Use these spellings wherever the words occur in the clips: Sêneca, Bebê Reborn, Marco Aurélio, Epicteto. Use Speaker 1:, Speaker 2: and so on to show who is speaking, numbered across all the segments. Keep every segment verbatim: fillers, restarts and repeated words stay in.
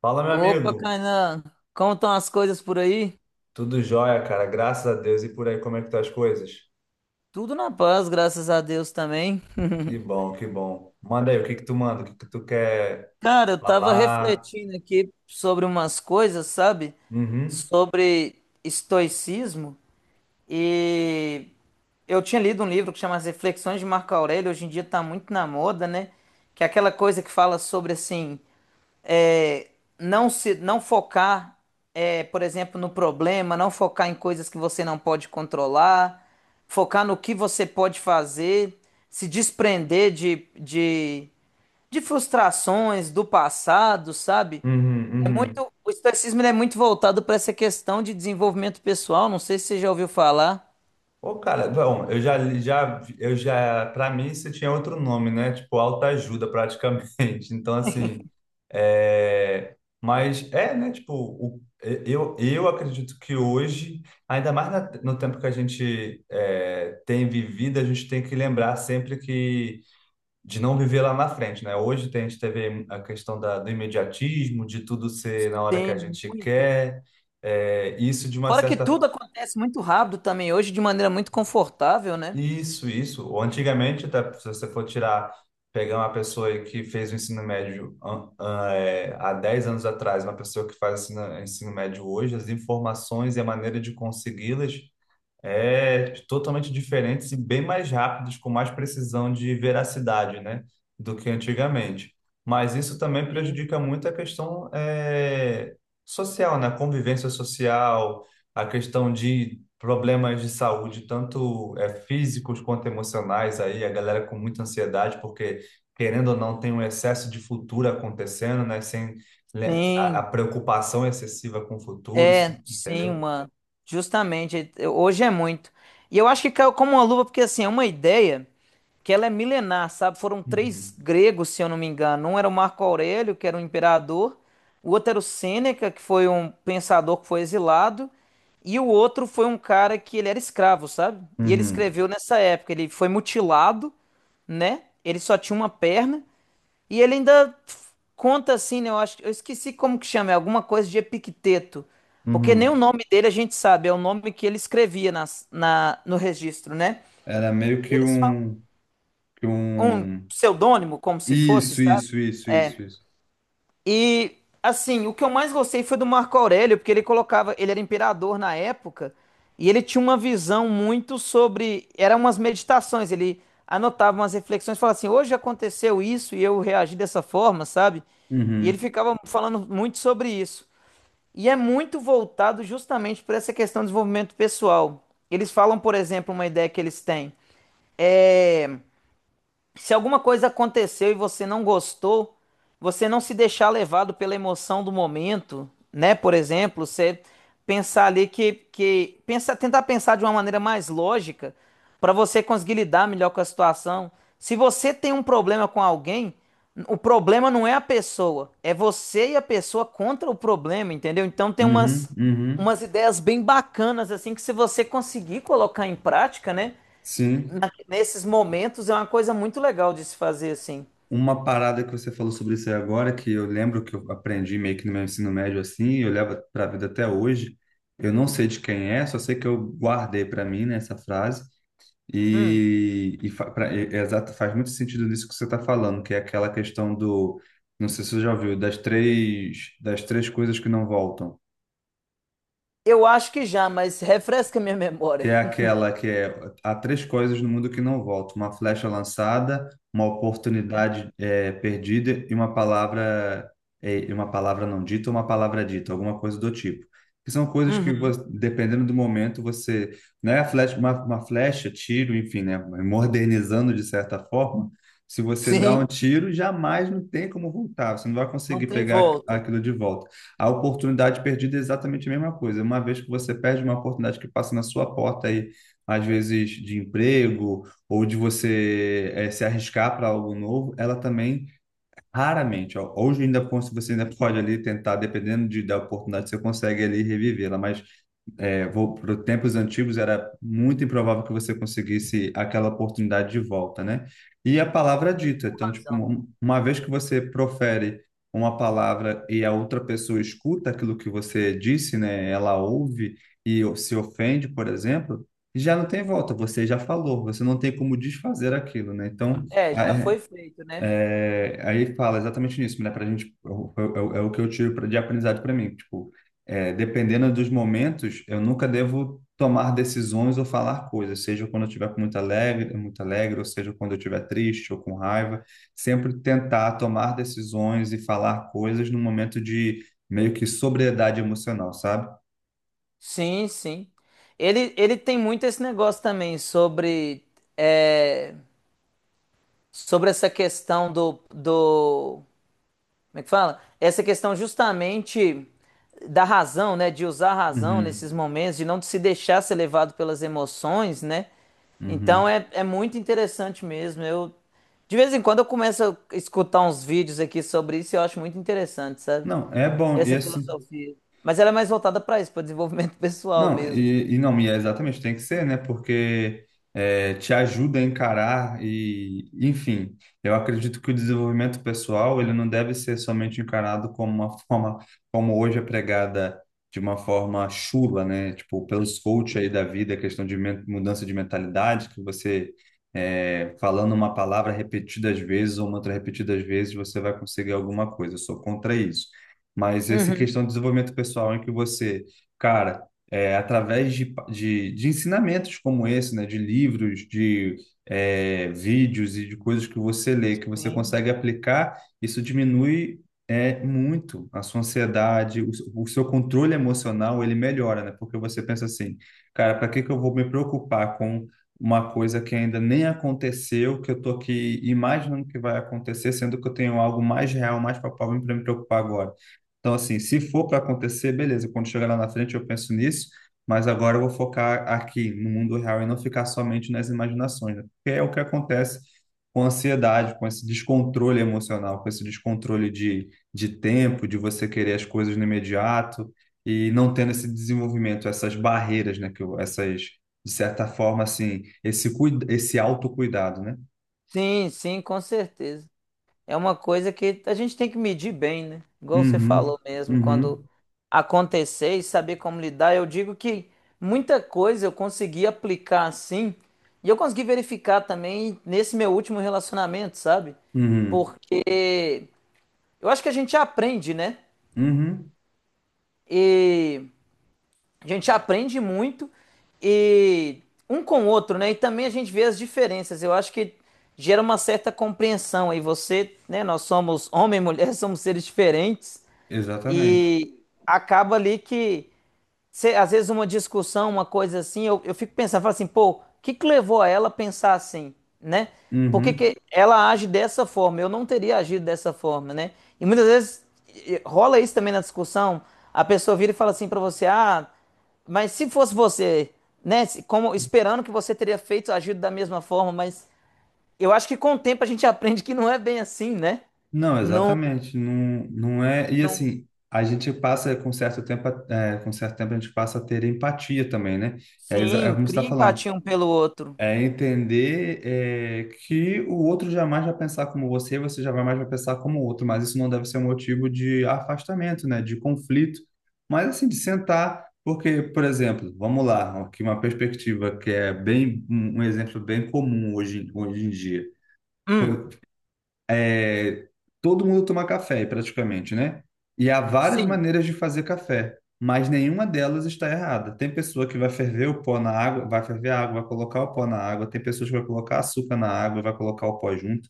Speaker 1: Fala, meu
Speaker 2: Opa,
Speaker 1: amigo.
Speaker 2: Kainan, como estão as coisas por aí?
Speaker 1: Tudo jóia, cara. Graças a Deus. E por aí, como é que estão as coisas?
Speaker 2: Tudo na paz, graças a Deus também.
Speaker 1: Que bom, que bom. Manda aí, o que que tu manda? O que que tu quer
Speaker 2: Cara, eu tava
Speaker 1: falar?
Speaker 2: refletindo aqui sobre umas coisas, sabe?
Speaker 1: Uhum,
Speaker 2: Sobre estoicismo e eu tinha lido um livro que chama As Reflexões de Marco Aurélio, hoje em dia tá muito na moda, né? Que é aquela coisa que fala sobre assim, é, não se não focar, é, por exemplo, no problema, não focar em coisas que você não pode controlar, focar no que você pode fazer, se desprender de, de, de frustrações do passado, sabe?
Speaker 1: uhum,
Speaker 2: É
Speaker 1: uhum.
Speaker 2: muito, o estoicismo ele é muito voltado para essa questão de desenvolvimento pessoal, não sei se você já ouviu falar.
Speaker 1: Ô, cara, bom, eu já, já, eu já, para mim você tinha outro nome, né? Tipo, autoajuda praticamente. Então, assim, é, mas é, né? Tipo, o, eu, eu acredito que hoje, ainda mais na- no tempo que a gente é, tem vivido, a gente tem que lembrar sempre que de não viver lá na frente, né? Hoje tem, a gente teve a questão da, do imediatismo, de tudo ser na hora que a
Speaker 2: Tem
Speaker 1: gente
Speaker 2: muito.
Speaker 1: quer. É, isso de uma
Speaker 2: Fora que
Speaker 1: certa...
Speaker 2: tudo acontece muito rápido também hoje, de maneira muito confortável, né?
Speaker 1: Isso, isso. Ou antigamente, até se você for tirar, pegar uma pessoa aí que fez o ensino médio an- an- é, há dez anos atrás, uma pessoa que faz ensino, ensino médio hoje, as informações e a maneira de consegui-las é totalmente diferentes e bem mais rápidos, com mais precisão de veracidade, né, do que antigamente. Mas isso também
Speaker 2: Sim.
Speaker 1: prejudica muito a questão eh, social, né, a convivência social, a questão de problemas de saúde, tanto eh, físicos quanto emocionais aí, a galera com muita ansiedade, porque querendo ou não tem um excesso de futuro acontecendo, né, sem né, a, a
Speaker 2: Sim.
Speaker 1: preocupação excessiva com o futuro,
Speaker 2: É, sim,
Speaker 1: entendeu?
Speaker 2: uma. Justamente, eu- hoje é muito. E eu acho que caiu como uma luva, porque assim, é uma ideia que ela é milenar, sabe? Foram três
Speaker 1: Uhum.
Speaker 2: gregos, se eu não me engano. Um era o Marco Aurélio, que era um imperador, o outro era o Sêneca, que foi um pensador que foi exilado, e o outro foi um cara que ele era escravo, sabe? E ele
Speaker 1: Uhum.
Speaker 2: escreveu nessa época, ele foi mutilado, né? Ele só tinha uma perna. E ele ainda conta assim, né? Eu acho, eu esqueci como que chama, é alguma coisa de Epicteto. Porque nem o
Speaker 1: Uhum.
Speaker 2: nome dele a gente sabe, é o nome que ele escrevia nas, na, no registro, né?
Speaker 1: Era meio
Speaker 2: E
Speaker 1: que
Speaker 2: eles falam
Speaker 1: um, que
Speaker 2: um
Speaker 1: um...
Speaker 2: pseudônimo, como se fosse,
Speaker 1: Isso,
Speaker 2: sabe?
Speaker 1: isso, isso, isso, isso.
Speaker 2: E assim, o que eu mais gostei foi do Marco Aurélio, porque ele colocava, ele era imperador na época, e ele tinha uma visão muito sobre, eram umas meditações, ele anotava umas reflexões, falava assim: "Hoje aconteceu isso e eu reagi dessa forma", sabe? E ele
Speaker 1: Uhum,
Speaker 2: ficava falando muito sobre isso. E é muito voltado justamente para essa questão do desenvolvimento pessoal. Eles falam, por exemplo, uma ideia que eles têm. é, se alguma coisa aconteceu e você não gostou, você não se deixar levado pela emoção do momento, né? Por exemplo, você pensar ali que, que pensa, tentar pensar de uma maneira mais lógica para você conseguir lidar melhor com a situação. Se você tem um problema com alguém, o problema não é a pessoa, é você e a pessoa contra o problema, entendeu? Então tem
Speaker 1: uhum,
Speaker 2: umas
Speaker 1: uhum.
Speaker 2: umas ideias bem bacanas assim que se você conseguir colocar em prática, né?
Speaker 1: Sim.
Speaker 2: na- nesses momentos é uma coisa muito legal de se fazer assim.
Speaker 1: Uma parada que você falou sobre isso aí agora, que eu lembro que eu aprendi meio que no meu ensino médio assim, e eu levo para a vida até hoje. Eu não sei de quem é, só sei que eu guardei para mim, né, essa frase. E, e, fa- pra- e- é exato, faz muito sentido nisso que você está falando, que é aquela questão do, não sei se você já ouviu, das três, das três coisas que não voltam.
Speaker 2: Eu acho que já, mas refresca minha
Speaker 1: Que
Speaker 2: memória.
Speaker 1: é aquela que é: há três coisas no mundo que não voltam: uma flecha lançada, uma oportunidade é, perdida e uma palavra é, uma palavra não dita, uma palavra dita, alguma coisa do tipo. Que são coisas que vo-
Speaker 2: Uhum.
Speaker 1: dependendo do momento você, né, a flecha, uma, uma flecha, tiro, enfim, né, modernizando de certa forma. Se você dá um
Speaker 2: Sim,
Speaker 1: tiro, jamais não tem como voltar. Você não vai
Speaker 2: não
Speaker 1: conseguir
Speaker 2: tem
Speaker 1: pegar
Speaker 2: volta.
Speaker 1: aquilo de volta. A oportunidade perdida é exatamente a mesma coisa. Uma vez que você perde uma oportunidade que passa na sua porta aí, às vezes de emprego ou de você eh, se arriscar para algo novo, ela também raramente, ó, hoje ainda se você ainda pode ali tentar, dependendo de, da oportunidade, você consegue ali revivê-la, mas é, vou para tempos antigos, era muito improvável que você conseguisse aquela oportunidade de volta, né? E a palavra é
Speaker 2: Sim,
Speaker 1: dita.
Speaker 2: com
Speaker 1: Então, tipo,
Speaker 2: razão.
Speaker 1: um- uma vez que você profere uma palavra e a outra pessoa escuta aquilo que você disse, né? Ela ouve e o- se ofende, por exemplo, já não tem volta. Você já falou. Você não tem como desfazer aquilo, né? Então,
Speaker 2: É, já foi feito, né?
Speaker 1: é, aí fala exatamente nisso, né? Pra gente, é o, é o é o que eu tiro pra- de aprendizado para mim. Tipo, é, dependendo dos momentos, eu nunca devo tomar decisões ou falar coisas, seja quando eu estiver com muito alegre, muito alegre, ou seja quando eu estiver triste ou com raiva. Sempre tentar tomar decisões e falar coisas num momento de meio que sobriedade emocional, sabe?
Speaker 2: Sim, sim. Ele, ele tem muito esse negócio também sobre, é, sobre essa questão do, do Como é que fala? Essa questão justamente da razão, né? De usar a razão nesses
Speaker 1: Uhum,
Speaker 2: momentos, de não se deixar ser levado pelas emoções, né? Então
Speaker 1: uhum.
Speaker 2: é, é muito interessante mesmo. Eu, de vez em quando eu começo a escutar uns vídeos aqui sobre isso e eu acho muito interessante, sabe?
Speaker 1: Não, é bom. E
Speaker 2: Essa
Speaker 1: assim.
Speaker 2: filosofia. Mas ela é mais voltada para isso, para desenvolvimento pessoal
Speaker 1: Não,
Speaker 2: mesmo.
Speaker 1: e, e não, e é exatamente, tem que ser, né? Porque é, te ajuda a encarar e, enfim, eu acredito que o desenvolvimento pessoal, ele não deve ser somente encarado como uma forma, como hoje é pregada de uma forma chula, né? Tipo, pelos coaches aí da vida, questão de men- mudança de mentalidade, que você, é, falando uma palavra repetidas vezes ou uma outra repetidas vezes, você vai conseguir alguma coisa. Eu sou contra isso. Mas essa
Speaker 2: Uhum.
Speaker 1: questão de desenvolvimento pessoal em que você, cara, é, através de, pa- de, de ensinamentos como esse, né, de livros, de é, vídeos e de coisas que você lê, que você
Speaker 2: Sim.
Speaker 1: consegue aplicar, isso diminui é, muito a sua ansiedade, o, seu- o seu controle emocional, ele melhora, né? Porque você pensa assim, cara, para que que eu vou me preocupar com uma coisa que ainda nem aconteceu, que eu tô aqui imaginando que vai acontecer, sendo que eu tenho algo mais real, mais palpável para me preocupar agora. Então, assim, se for para acontecer, beleza, quando chegar lá na frente eu penso nisso, mas agora eu vou focar aqui, no mundo real, e não ficar somente nas imaginações, né? Porque é o que acontece com a ansiedade, com esse descontrole emocional, com esse descontrole de, de tempo, de você querer as coisas no imediato e não tendo esse desenvolvimento, essas barreiras, né? Que eu- essas, de certa forma, assim, esse, cuida- esse autocuidado, né?
Speaker 2: Sim, sim, com certeza. É uma coisa que a gente tem que medir bem, né? Igual você
Speaker 1: Uhum,
Speaker 2: falou mesmo, quando
Speaker 1: uhum,
Speaker 2: acontecer e saber como lidar, eu digo que muita coisa eu consegui aplicar assim, e eu consegui verificar também nesse meu último relacionamento, sabe?
Speaker 1: uhum,
Speaker 2: Porque eu acho que a gente aprende, né?
Speaker 1: uhum,
Speaker 2: E a gente aprende muito e um com o outro, né? E também a gente vê as diferenças. Eu acho que gera uma certa compreensão aí. Você, né? Nós somos homem e mulher, somos seres diferentes
Speaker 1: exatamente.
Speaker 2: e acaba ali que cê- às vezes uma discussão, uma coisa assim, eu, eu fico pensando, falo assim, pô, o que que levou a ela a pensar assim, né? Por que
Speaker 1: Uhum.
Speaker 2: que ela age dessa forma? Eu não teria agido dessa forma, né? E muitas vezes e- rola isso também na discussão. A pessoa vira e fala assim pra você, ah, mas se fosse você, né, se- como esperando que você teria feito, agido da mesma forma, mas eu acho que com o tempo a gente aprende que não é bem assim, né?
Speaker 1: Não,
Speaker 2: Não,
Speaker 1: exatamente. Não, não é. E
Speaker 2: não.
Speaker 1: assim, a gente passa com certo tempo, a- é, com certo tempo a gente passa a ter empatia também, né? É, exa- é
Speaker 2: Sim,
Speaker 1: como você está
Speaker 2: cria
Speaker 1: falando.
Speaker 2: empatia um pelo outro.
Speaker 1: É entender é, que o outro jamais vai pensar como você, você jamais vai pensar como o outro, mas isso não deve ser um motivo de afastamento, né? De conflito. Mas assim, de sentar, porque, por exemplo, vamos lá, aqui uma perspectiva que é bem um um exemplo bem comum hoje, hoje em dia
Speaker 2: Hum,
Speaker 1: é, todo mundo toma café, praticamente, né? E há várias
Speaker 2: sim.
Speaker 1: maneiras de fazer café, mas nenhuma delas está errada. Tem pessoa que vai ferver o pó na água, vai ferver a água, vai colocar o pó na água. Tem pessoas que vai colocar açúcar na água, vai colocar o pó junto.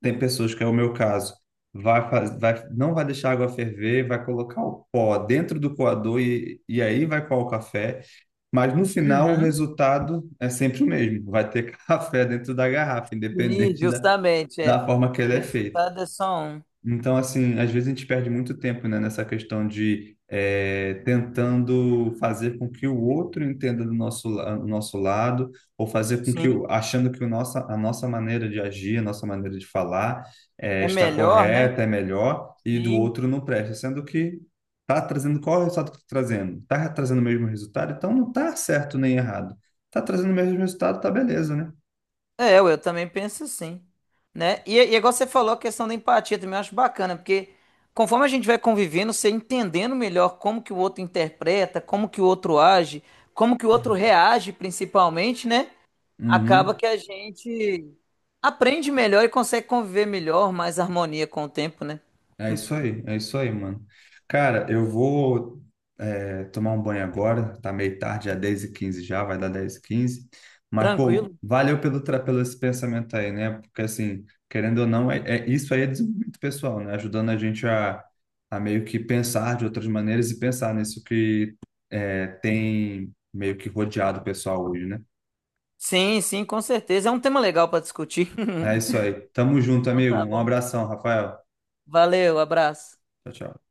Speaker 1: Tem pessoas que é o meu caso, vai, faz- vai não vai deixar a água ferver, vai colocar o pó dentro do coador e, e aí vai coar o café. Mas no final o
Speaker 2: Uhum.
Speaker 1: resultado é sempre o mesmo. Vai ter café dentro da garrafa,
Speaker 2: Sim,
Speaker 1: independente da,
Speaker 2: justamente, é.
Speaker 1: da forma que ele
Speaker 2: O
Speaker 1: é feito.
Speaker 2: resultado é só um.
Speaker 1: Então, assim, às vezes a gente perde muito tempo, né, nessa questão de eh, tentando fazer com que o outro entenda do nosso, la- do nosso lado, ou fazer com que, o-
Speaker 2: Sim,
Speaker 1: achando que o nossa, a nossa maneira de agir, a nossa maneira de falar eh,
Speaker 2: é
Speaker 1: está
Speaker 2: melhor, né?
Speaker 1: correta, é melhor, e do
Speaker 2: Sim.
Speaker 1: outro não presta, sendo que está trazendo, qual é o resultado que está trazendo? Está trazendo o mesmo resultado? Então não está certo nem errado. Está trazendo o mesmo resultado, tá beleza, né?
Speaker 2: É, eu, eu também penso assim, né? E, e igual você falou, a questão da empatia também eu acho bacana, porque conforme a gente vai convivendo, você entendendo melhor como que o outro interpreta, como que o outro age, como que o outro
Speaker 1: Uhum.
Speaker 2: reage principalmente, né? Acaba
Speaker 1: Uhum.
Speaker 2: que a gente aprende melhor e consegue conviver melhor, mais harmonia com o tempo, né?
Speaker 1: É isso aí, é isso aí, mano. Cara, eu vou é, tomar um banho agora, tá meio tarde, já é dez e quinze já, vai dar dez e quinze. Mas, pô,
Speaker 2: Tranquilo?
Speaker 1: valeu pelo, tra- pelo esse pensamento aí, né? Porque, assim, querendo ou não, é, é- isso aí é desenvolvimento pessoal, né? Ajudando a gente a, a meio que pensar de outras maneiras e pensar nisso que é, tem meio que rodeado o pessoal hoje, né?
Speaker 2: Sim, sim, com certeza. É um tema legal para discutir.
Speaker 1: É isso aí. Tamo junto,
Speaker 2: Então
Speaker 1: amigo.
Speaker 2: tá
Speaker 1: Um
Speaker 2: bom.
Speaker 1: abração, Rafael.
Speaker 2: Valeu, abraço.
Speaker 1: Tchau, tchau.